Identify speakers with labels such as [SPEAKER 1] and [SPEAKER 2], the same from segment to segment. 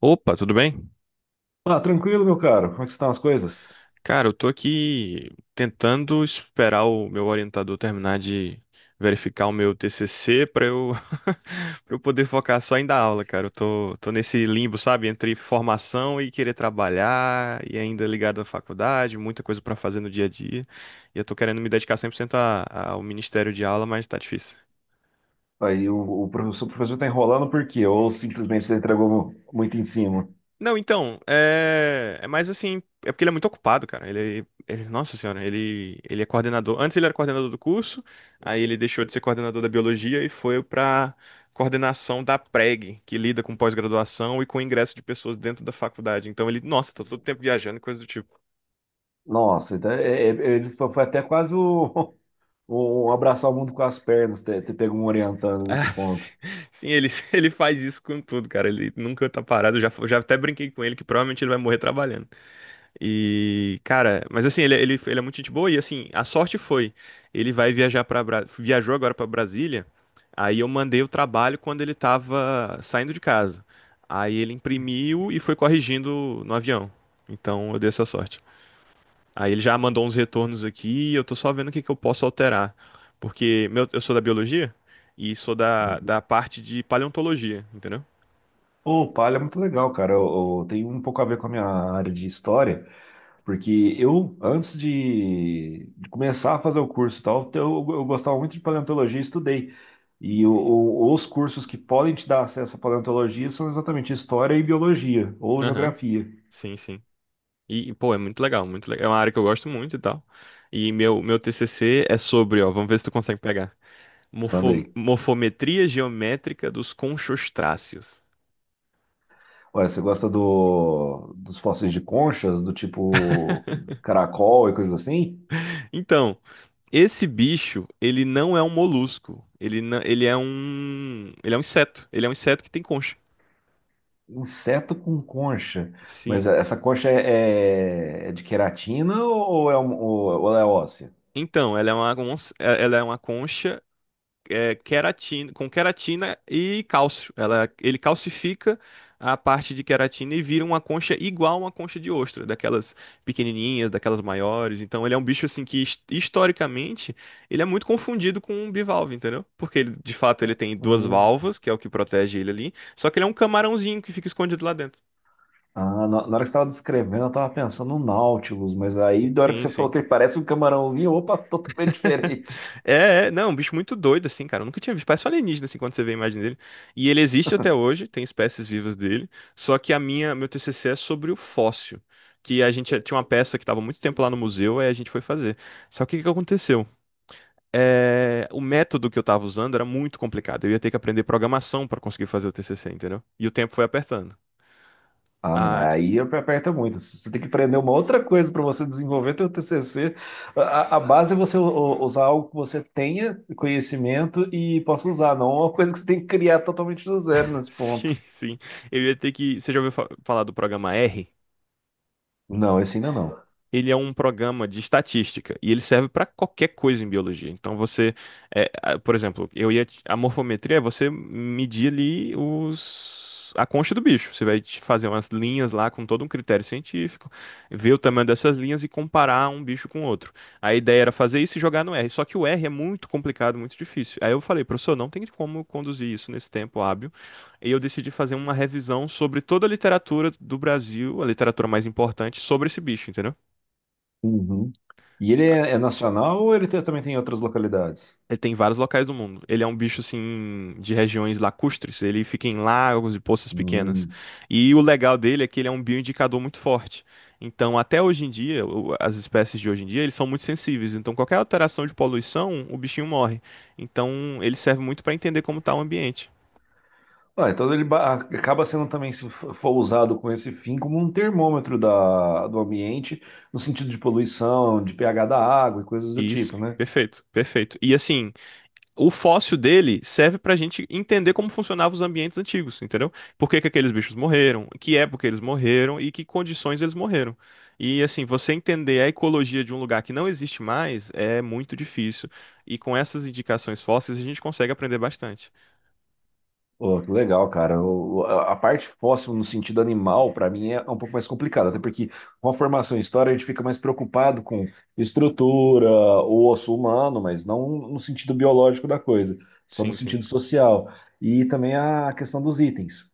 [SPEAKER 1] Opa, tudo bem?
[SPEAKER 2] Ah, tranquilo, meu caro. Como é que estão as coisas?
[SPEAKER 1] Cara, eu tô aqui tentando esperar o meu orientador terminar de verificar o meu TCC pra eu para eu poder focar só em dar aula, cara. Eu tô nesse limbo, sabe, entre formação e querer trabalhar e ainda ligado à faculdade, muita coisa pra fazer no dia a dia. E eu tô querendo me dedicar 100% a- ao ministério de aula, mas tá difícil.
[SPEAKER 2] Aí o professor, o professor tá enrolando por quê? Ou simplesmente você entregou muito em cima?
[SPEAKER 1] Não, então, é mais assim, é porque ele é muito ocupado, cara. Nossa senhora, ele é coordenador. Antes ele era coordenador do curso, aí ele deixou de ser coordenador da biologia e foi pra coordenação da PREG, que lida com pós-graduação e com ingresso de pessoas dentro da faculdade. Então ele, nossa, tá todo tempo viajando e coisa do tipo.
[SPEAKER 2] Nossa, então, é, ele foi até quase o, o abraçar o mundo com as pernas, ter pego um orientando
[SPEAKER 1] Ah,
[SPEAKER 2] nesse ponto.
[SPEAKER 1] sim, ele faz isso com tudo, cara. Ele nunca tá parado. Eu já até brinquei com ele que provavelmente ele vai morrer trabalhando. E, cara, mas assim, ele é muito gente boa e assim, a sorte foi, ele vai viajar para viajou agora para Brasília. Aí eu mandei o trabalho quando ele tava saindo de casa. Aí ele imprimiu e foi corrigindo no avião. Então eu dei essa sorte. Aí ele já mandou uns retornos aqui, e eu tô só vendo o que que eu posso alterar. Porque meu, eu sou da biologia e sou da parte de paleontologia, entendeu?
[SPEAKER 2] Pô, palha é muito legal, cara. Tem um pouco a ver com a minha área de história. Porque eu, antes de começar a fazer o curso e tal, então eu gostava muito de paleontologia e estudei. E os cursos que podem te dar acesso à paleontologia são exatamente história e biologia, ou
[SPEAKER 1] Aham.
[SPEAKER 2] geografia.
[SPEAKER 1] Sim, sim. E, pô, é muito legal, muito legal. É uma área que eu gosto muito e tal. E meu TCC é sobre, ó, vamos ver se tu consegue pegar.
[SPEAKER 2] Manda aí.
[SPEAKER 1] Morfometria geométrica dos conchostráceos.
[SPEAKER 2] Olha, você gosta dos fósseis de conchas, do tipo caracol e coisas assim?
[SPEAKER 1] Então, esse bicho, ele não é um molusco. Ele, não, ele é um inseto. Ele é um inseto que tem concha.
[SPEAKER 2] Inseto com concha. Mas
[SPEAKER 1] Sim.
[SPEAKER 2] essa concha é, é de queratina ou é, ou ela é óssea?
[SPEAKER 1] Então, ela é uma concha queratina, com queratina e cálcio. Ele calcifica a parte de queratina e vira uma concha igual a uma concha de ostra, daquelas pequenininhas, daquelas maiores. Então ele é um bicho assim que historicamente ele é muito confundido com um bivalve, entendeu? Porque ele, de fato ele tem duas
[SPEAKER 2] Hum.
[SPEAKER 1] valvas, que é o que protege ele ali, só que ele é um camarãozinho que fica escondido lá dentro.
[SPEAKER 2] Ah, na hora que você tava descrevendo, eu tava pensando no Nautilus, mas aí da hora que
[SPEAKER 1] Sim,
[SPEAKER 2] você
[SPEAKER 1] sim.
[SPEAKER 2] falou que ele parece um camarãozinho, opa, totalmente diferente.
[SPEAKER 1] Não, um bicho muito doido, assim, cara. Eu nunca tinha visto. Parece um alienígena, assim, quando você vê a imagem dele. E ele existe até hoje, tem espécies vivas dele. Só que meu TCC é sobre o fóssil. Que a gente tinha uma peça que estava muito tempo lá no museu, aí a gente foi fazer. Só que o que que aconteceu? É, o método que eu estava usando era muito complicado. Eu ia ter que aprender programação para conseguir fazer o TCC, entendeu? E o tempo foi apertando.
[SPEAKER 2] Ah, não,
[SPEAKER 1] Ah,
[SPEAKER 2] é. Aí aperta muito. Você tem que aprender uma outra coisa para você desenvolver teu TCC. A base é você usar algo que você tenha conhecimento e possa usar, não uma coisa que você tem que criar totalmente do zero nesse ponto.
[SPEAKER 1] sim, sim. Eu ia ter que. Você já ouviu falar do programa R?
[SPEAKER 2] Não, esse ainda não.
[SPEAKER 1] Ele é um programa de estatística e ele serve para qualquer coisa em biologia. Então você, por exemplo, eu ia a morfometria é você medir ali os a concha do bicho. Você vai te fazer umas linhas lá com todo um critério científico, ver o tamanho dessas linhas e comparar um bicho com outro. A ideia era fazer isso e jogar no R, só que o R é muito complicado, muito difícil. Aí eu falei, professor, não tem como conduzir isso nesse tempo hábil. E eu decidi fazer uma revisão sobre toda a literatura do Brasil, a literatura mais importante sobre esse bicho, entendeu?
[SPEAKER 2] Uhum. E ele é, é nacional ou ele também tem em outras localidades?
[SPEAKER 1] Ele tem vários locais do mundo. Ele é um bicho, assim, de regiões lacustres. Ele fica em lagos e poças pequenas.
[SPEAKER 2] Hum.
[SPEAKER 1] E o legal dele é que ele é um bioindicador muito forte. Então, até hoje em dia, as espécies de hoje em dia, eles são muito sensíveis. Então, qualquer alteração de poluição, o bichinho morre. Então, ele serve muito para entender como está o ambiente.
[SPEAKER 2] Ah, então ele acaba sendo também, se for usado com esse fim, como um termômetro da, do ambiente, no sentido de poluição, de pH da água e coisas do tipo,
[SPEAKER 1] Isso,
[SPEAKER 2] né?
[SPEAKER 1] perfeito, perfeito. E assim, o fóssil dele serve pra gente entender como funcionavam os ambientes antigos, entendeu? Por que que aqueles bichos morreram, que época eles morreram e que condições eles morreram. E assim, você entender a ecologia de um lugar que não existe mais é muito difícil. E com essas indicações fósseis a gente consegue aprender bastante.
[SPEAKER 2] Pô, que legal, cara. A parte fóssil no sentido animal, para mim, é um pouco mais complicada, até porque com a formação em história a gente fica mais preocupado com estrutura, o osso humano, mas não no sentido biológico da coisa, só no
[SPEAKER 1] Sim, sim.
[SPEAKER 2] sentido social. E também a questão dos itens.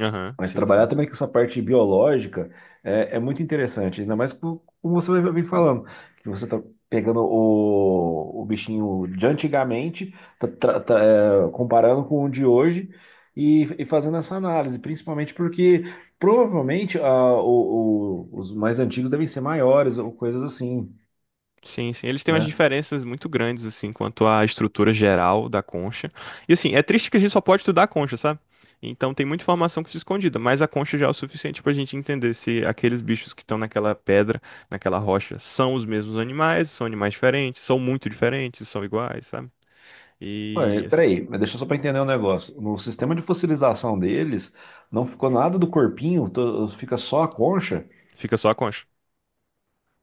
[SPEAKER 1] Aham,
[SPEAKER 2] Mas
[SPEAKER 1] sim,
[SPEAKER 2] trabalhar
[SPEAKER 1] sim.
[SPEAKER 2] também com essa parte biológica é, é muito interessante, ainda mais como você vem falando, que você está pegando o bichinho de antigamente, tá, tá, é, comparando com o de hoje e fazendo essa análise, principalmente porque provavelmente ah, os mais antigos devem ser maiores ou coisas assim,
[SPEAKER 1] Sim, sim. Eles têm umas
[SPEAKER 2] né?
[SPEAKER 1] diferenças muito grandes, assim, quanto à estrutura geral da concha. E, assim, é triste que a gente só pode estudar a concha, sabe? Então tem muita informação que fica escondida, mas a concha já é o suficiente pra gente entender se aqueles bichos que estão naquela pedra, naquela rocha, são os mesmos animais, são animais diferentes, são muito diferentes, são iguais, sabe?
[SPEAKER 2] Ué,
[SPEAKER 1] E assim,
[SPEAKER 2] peraí, mas deixa só para entender um negócio. No sistema de fossilização deles, não ficou nada do corpinho, fica só a concha.
[SPEAKER 1] fica só a concha.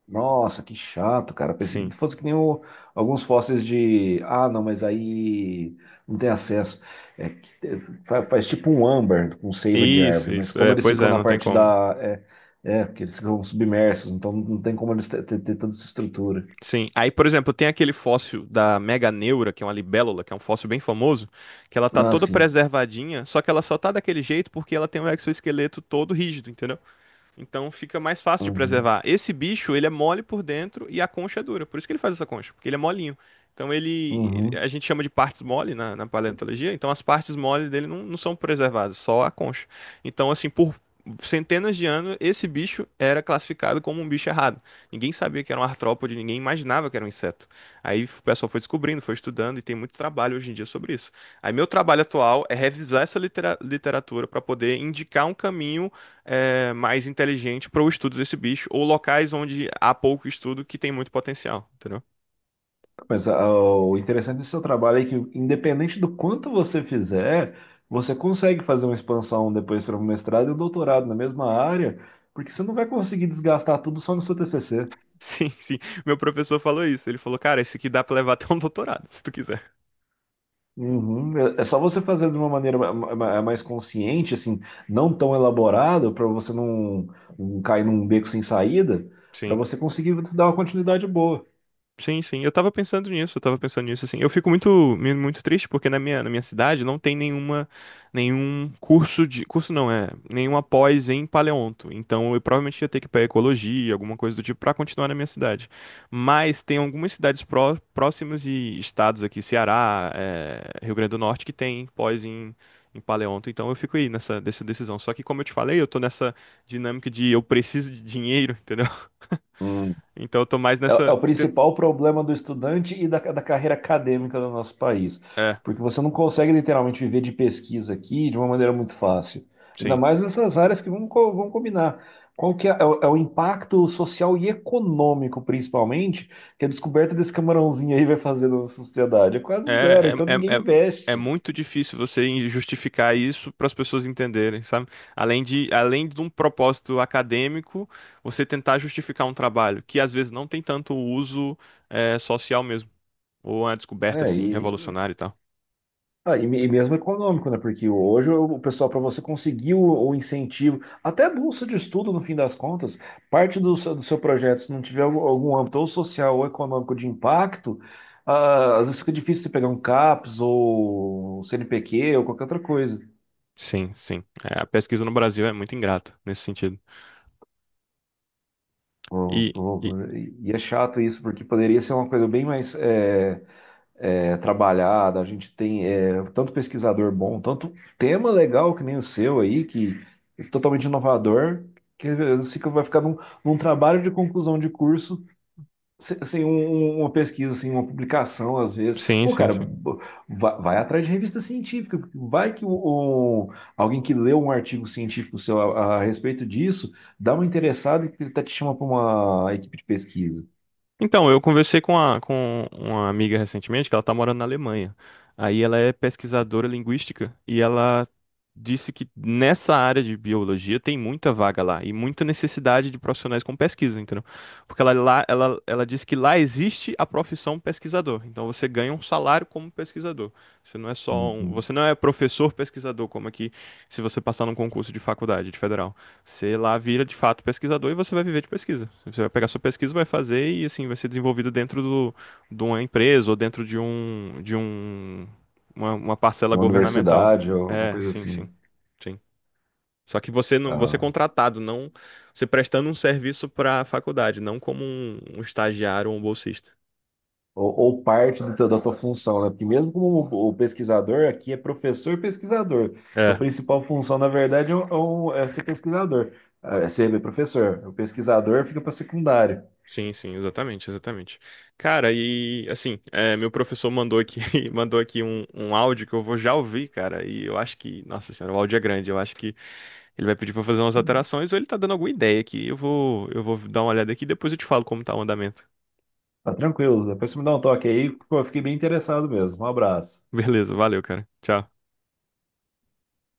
[SPEAKER 2] Nossa, que chato, cara. Pensei
[SPEAKER 1] Sim.
[SPEAKER 2] que fosse que nem alguns fósseis de. Ah, não, mas aí não tem acesso. É que faz, tipo um âmbar com seiva de
[SPEAKER 1] Isso,
[SPEAKER 2] árvore, mas
[SPEAKER 1] isso.
[SPEAKER 2] como
[SPEAKER 1] É,
[SPEAKER 2] eles
[SPEAKER 1] pois
[SPEAKER 2] ficam
[SPEAKER 1] é,
[SPEAKER 2] na
[SPEAKER 1] não tem
[SPEAKER 2] parte
[SPEAKER 1] como.
[SPEAKER 2] da. É, é, porque eles ficam submersos, então não tem como eles ter, tanta essa estrutura.
[SPEAKER 1] Sim. Aí, por exemplo, tem aquele fóssil da Meganeura, que é uma libélula, que é um fóssil bem famoso, que ela tá
[SPEAKER 2] Ah,
[SPEAKER 1] toda
[SPEAKER 2] sim.
[SPEAKER 1] preservadinha, só que ela só tá daquele jeito porque ela tem um exoesqueleto todo rígido, entendeu? Então fica mais fácil de
[SPEAKER 2] Uhum,
[SPEAKER 1] preservar. Esse bicho, ele é mole por dentro e a concha é dura. Por isso que ele faz essa concha, porque ele é molinho. Então a
[SPEAKER 2] uhum.
[SPEAKER 1] gente chama de partes mole na paleontologia, então as partes mole dele não são preservadas, só a concha. Então assim, por centenas de anos, esse bicho era classificado como um bicho errado. Ninguém sabia que era um artrópode, ninguém imaginava que era um inseto. Aí o pessoal foi descobrindo, foi estudando e tem muito trabalho hoje em dia sobre isso. Aí meu trabalho atual é revisar essa literatura para poder indicar um caminho mais inteligente para o estudo desse bicho, ou locais onde há pouco estudo que tem muito potencial, entendeu?
[SPEAKER 2] Mas ah, o interessante do seu trabalho é que, independente do quanto você fizer, você consegue fazer uma expansão depois para um mestrado e um doutorado na mesma área, porque você não vai conseguir desgastar tudo só no seu TCC.
[SPEAKER 1] Sim, sim. Meu professor falou isso. Ele falou, cara, esse aqui dá pra levar até um doutorado, se tu quiser.
[SPEAKER 2] Uhum. É é só você fazer de uma maneira mais consciente, assim, não tão elaborada, para você não, não cair num beco sem saída, para
[SPEAKER 1] Sim.
[SPEAKER 2] você conseguir dar uma continuidade boa.
[SPEAKER 1] Sim, sim. Eu tava pensando nisso, assim. Eu fico muito, muito triste porque na minha cidade não tem nenhuma, nenhum curso de, curso não, nenhuma pós em paleonto. Então eu provavelmente ia ter que ir pra ecologia, alguma coisa do tipo, pra continuar na minha cidade. Mas tem algumas cidades próximas e estados aqui, Ceará, Rio Grande do Norte, que tem pós em, em paleonto. Então eu fico aí nessa decisão. Só que como eu te falei, eu tô nessa dinâmica de eu preciso de dinheiro, entendeu? Então eu tô mais
[SPEAKER 2] É, é
[SPEAKER 1] nessa...
[SPEAKER 2] o
[SPEAKER 1] te-
[SPEAKER 2] principal problema do estudante e da, da carreira acadêmica do nosso país.
[SPEAKER 1] É,
[SPEAKER 2] Porque você não consegue literalmente viver de pesquisa aqui de uma maneira muito fácil. Ainda
[SPEAKER 1] sim.
[SPEAKER 2] mais nessas áreas que vamos vão combinar. Qual que é, é o é o impacto social e econômico, principalmente, que a descoberta desse camarãozinho aí vai fazer na nossa sociedade? É quase zero,
[SPEAKER 1] É,
[SPEAKER 2] então
[SPEAKER 1] é, é,
[SPEAKER 2] ninguém
[SPEAKER 1] é, é
[SPEAKER 2] investe.
[SPEAKER 1] muito difícil você justificar isso para as pessoas entenderem, sabe? Além de um propósito acadêmico, você tentar justificar um trabalho que às vezes não tem tanto uso social mesmo, ou uma descoberta
[SPEAKER 2] É,
[SPEAKER 1] assim
[SPEAKER 2] e
[SPEAKER 1] revolucionária e tal.
[SPEAKER 2] ah, e mesmo econômico, né? Porque hoje o pessoal, para você conseguir o incentivo, até a bolsa de estudo, no fim das contas, parte do, do seu projeto, se não tiver algum, algum âmbito ou social ou econômico de impacto, ah, às vezes fica difícil você pegar um CAPS ou CNPq ou qualquer outra coisa.
[SPEAKER 1] Sim, sim. É, a pesquisa no Brasil é muito ingrata nesse sentido.
[SPEAKER 2] Ou-
[SPEAKER 1] E, e
[SPEAKER 2] ou- e é chato isso, porque poderia ser uma coisa bem mais. É, trabalhada, a gente tem é, tanto pesquisador bom, tanto tema legal que nem o seu aí, que é totalmente inovador, que às vezes vai ficar num trabalho de conclusão de curso, assim, um, uma pesquisa, assim, uma publicação, às vezes.
[SPEAKER 1] sim,
[SPEAKER 2] Pô,
[SPEAKER 1] sim,
[SPEAKER 2] cara,
[SPEAKER 1] sim.
[SPEAKER 2] vai, atrás de revista científica, porque vai que o, alguém que leu um artigo científico seu a respeito disso, dá uma interessada e ele até te chama para uma equipe de pesquisa.
[SPEAKER 1] Então, eu conversei com uma amiga recentemente que ela tá morando na Alemanha. Aí ela é pesquisadora linguística e ela disse que nessa área de biologia tem muita vaga lá e muita necessidade de profissionais com pesquisa, entendeu? Porque ela disse que lá existe a profissão pesquisador. Então você ganha um salário como pesquisador.
[SPEAKER 2] Uhum.
[SPEAKER 1] Você não é professor pesquisador, como aqui se você passar num concurso de faculdade, de federal. Você lá vira de fato pesquisador e você vai viver de pesquisa. Você vai pegar sua pesquisa, vai fazer e assim vai ser desenvolvido dentro do, de uma empresa ou dentro de um uma parcela
[SPEAKER 2] Uma
[SPEAKER 1] governamental.
[SPEAKER 2] universidade, ou alguma coisa
[SPEAKER 1] Sim, sim,
[SPEAKER 2] assim.
[SPEAKER 1] sim. Só que você é
[SPEAKER 2] Ah.
[SPEAKER 1] contratado, não você prestando um serviço para a faculdade, não como um estagiário ou um bolsista.
[SPEAKER 2] Ou parte do da tua função, né? Porque mesmo como o pesquisador aqui é professor pesquisador, sua principal função, na verdade, é, é é ser pesquisador, é ser professor. O pesquisador fica para secundário.
[SPEAKER 1] Sim, sim, exatamente, exatamente. Cara, e assim, é, meu professor mandou aqui, mandou aqui um áudio que eu vou já ouvir, cara. E eu acho que, nossa senhora, o áudio é grande. Eu acho que ele vai pedir pra eu fazer umas alterações ou ele tá dando alguma ideia aqui. Eu vou dar uma olhada aqui e depois eu te falo como tá o andamento.
[SPEAKER 2] Tá tranquilo, depois você me dá um toque aí, pô, eu fiquei bem interessado mesmo. Um abraço.
[SPEAKER 1] Beleza, valeu, cara. Tchau.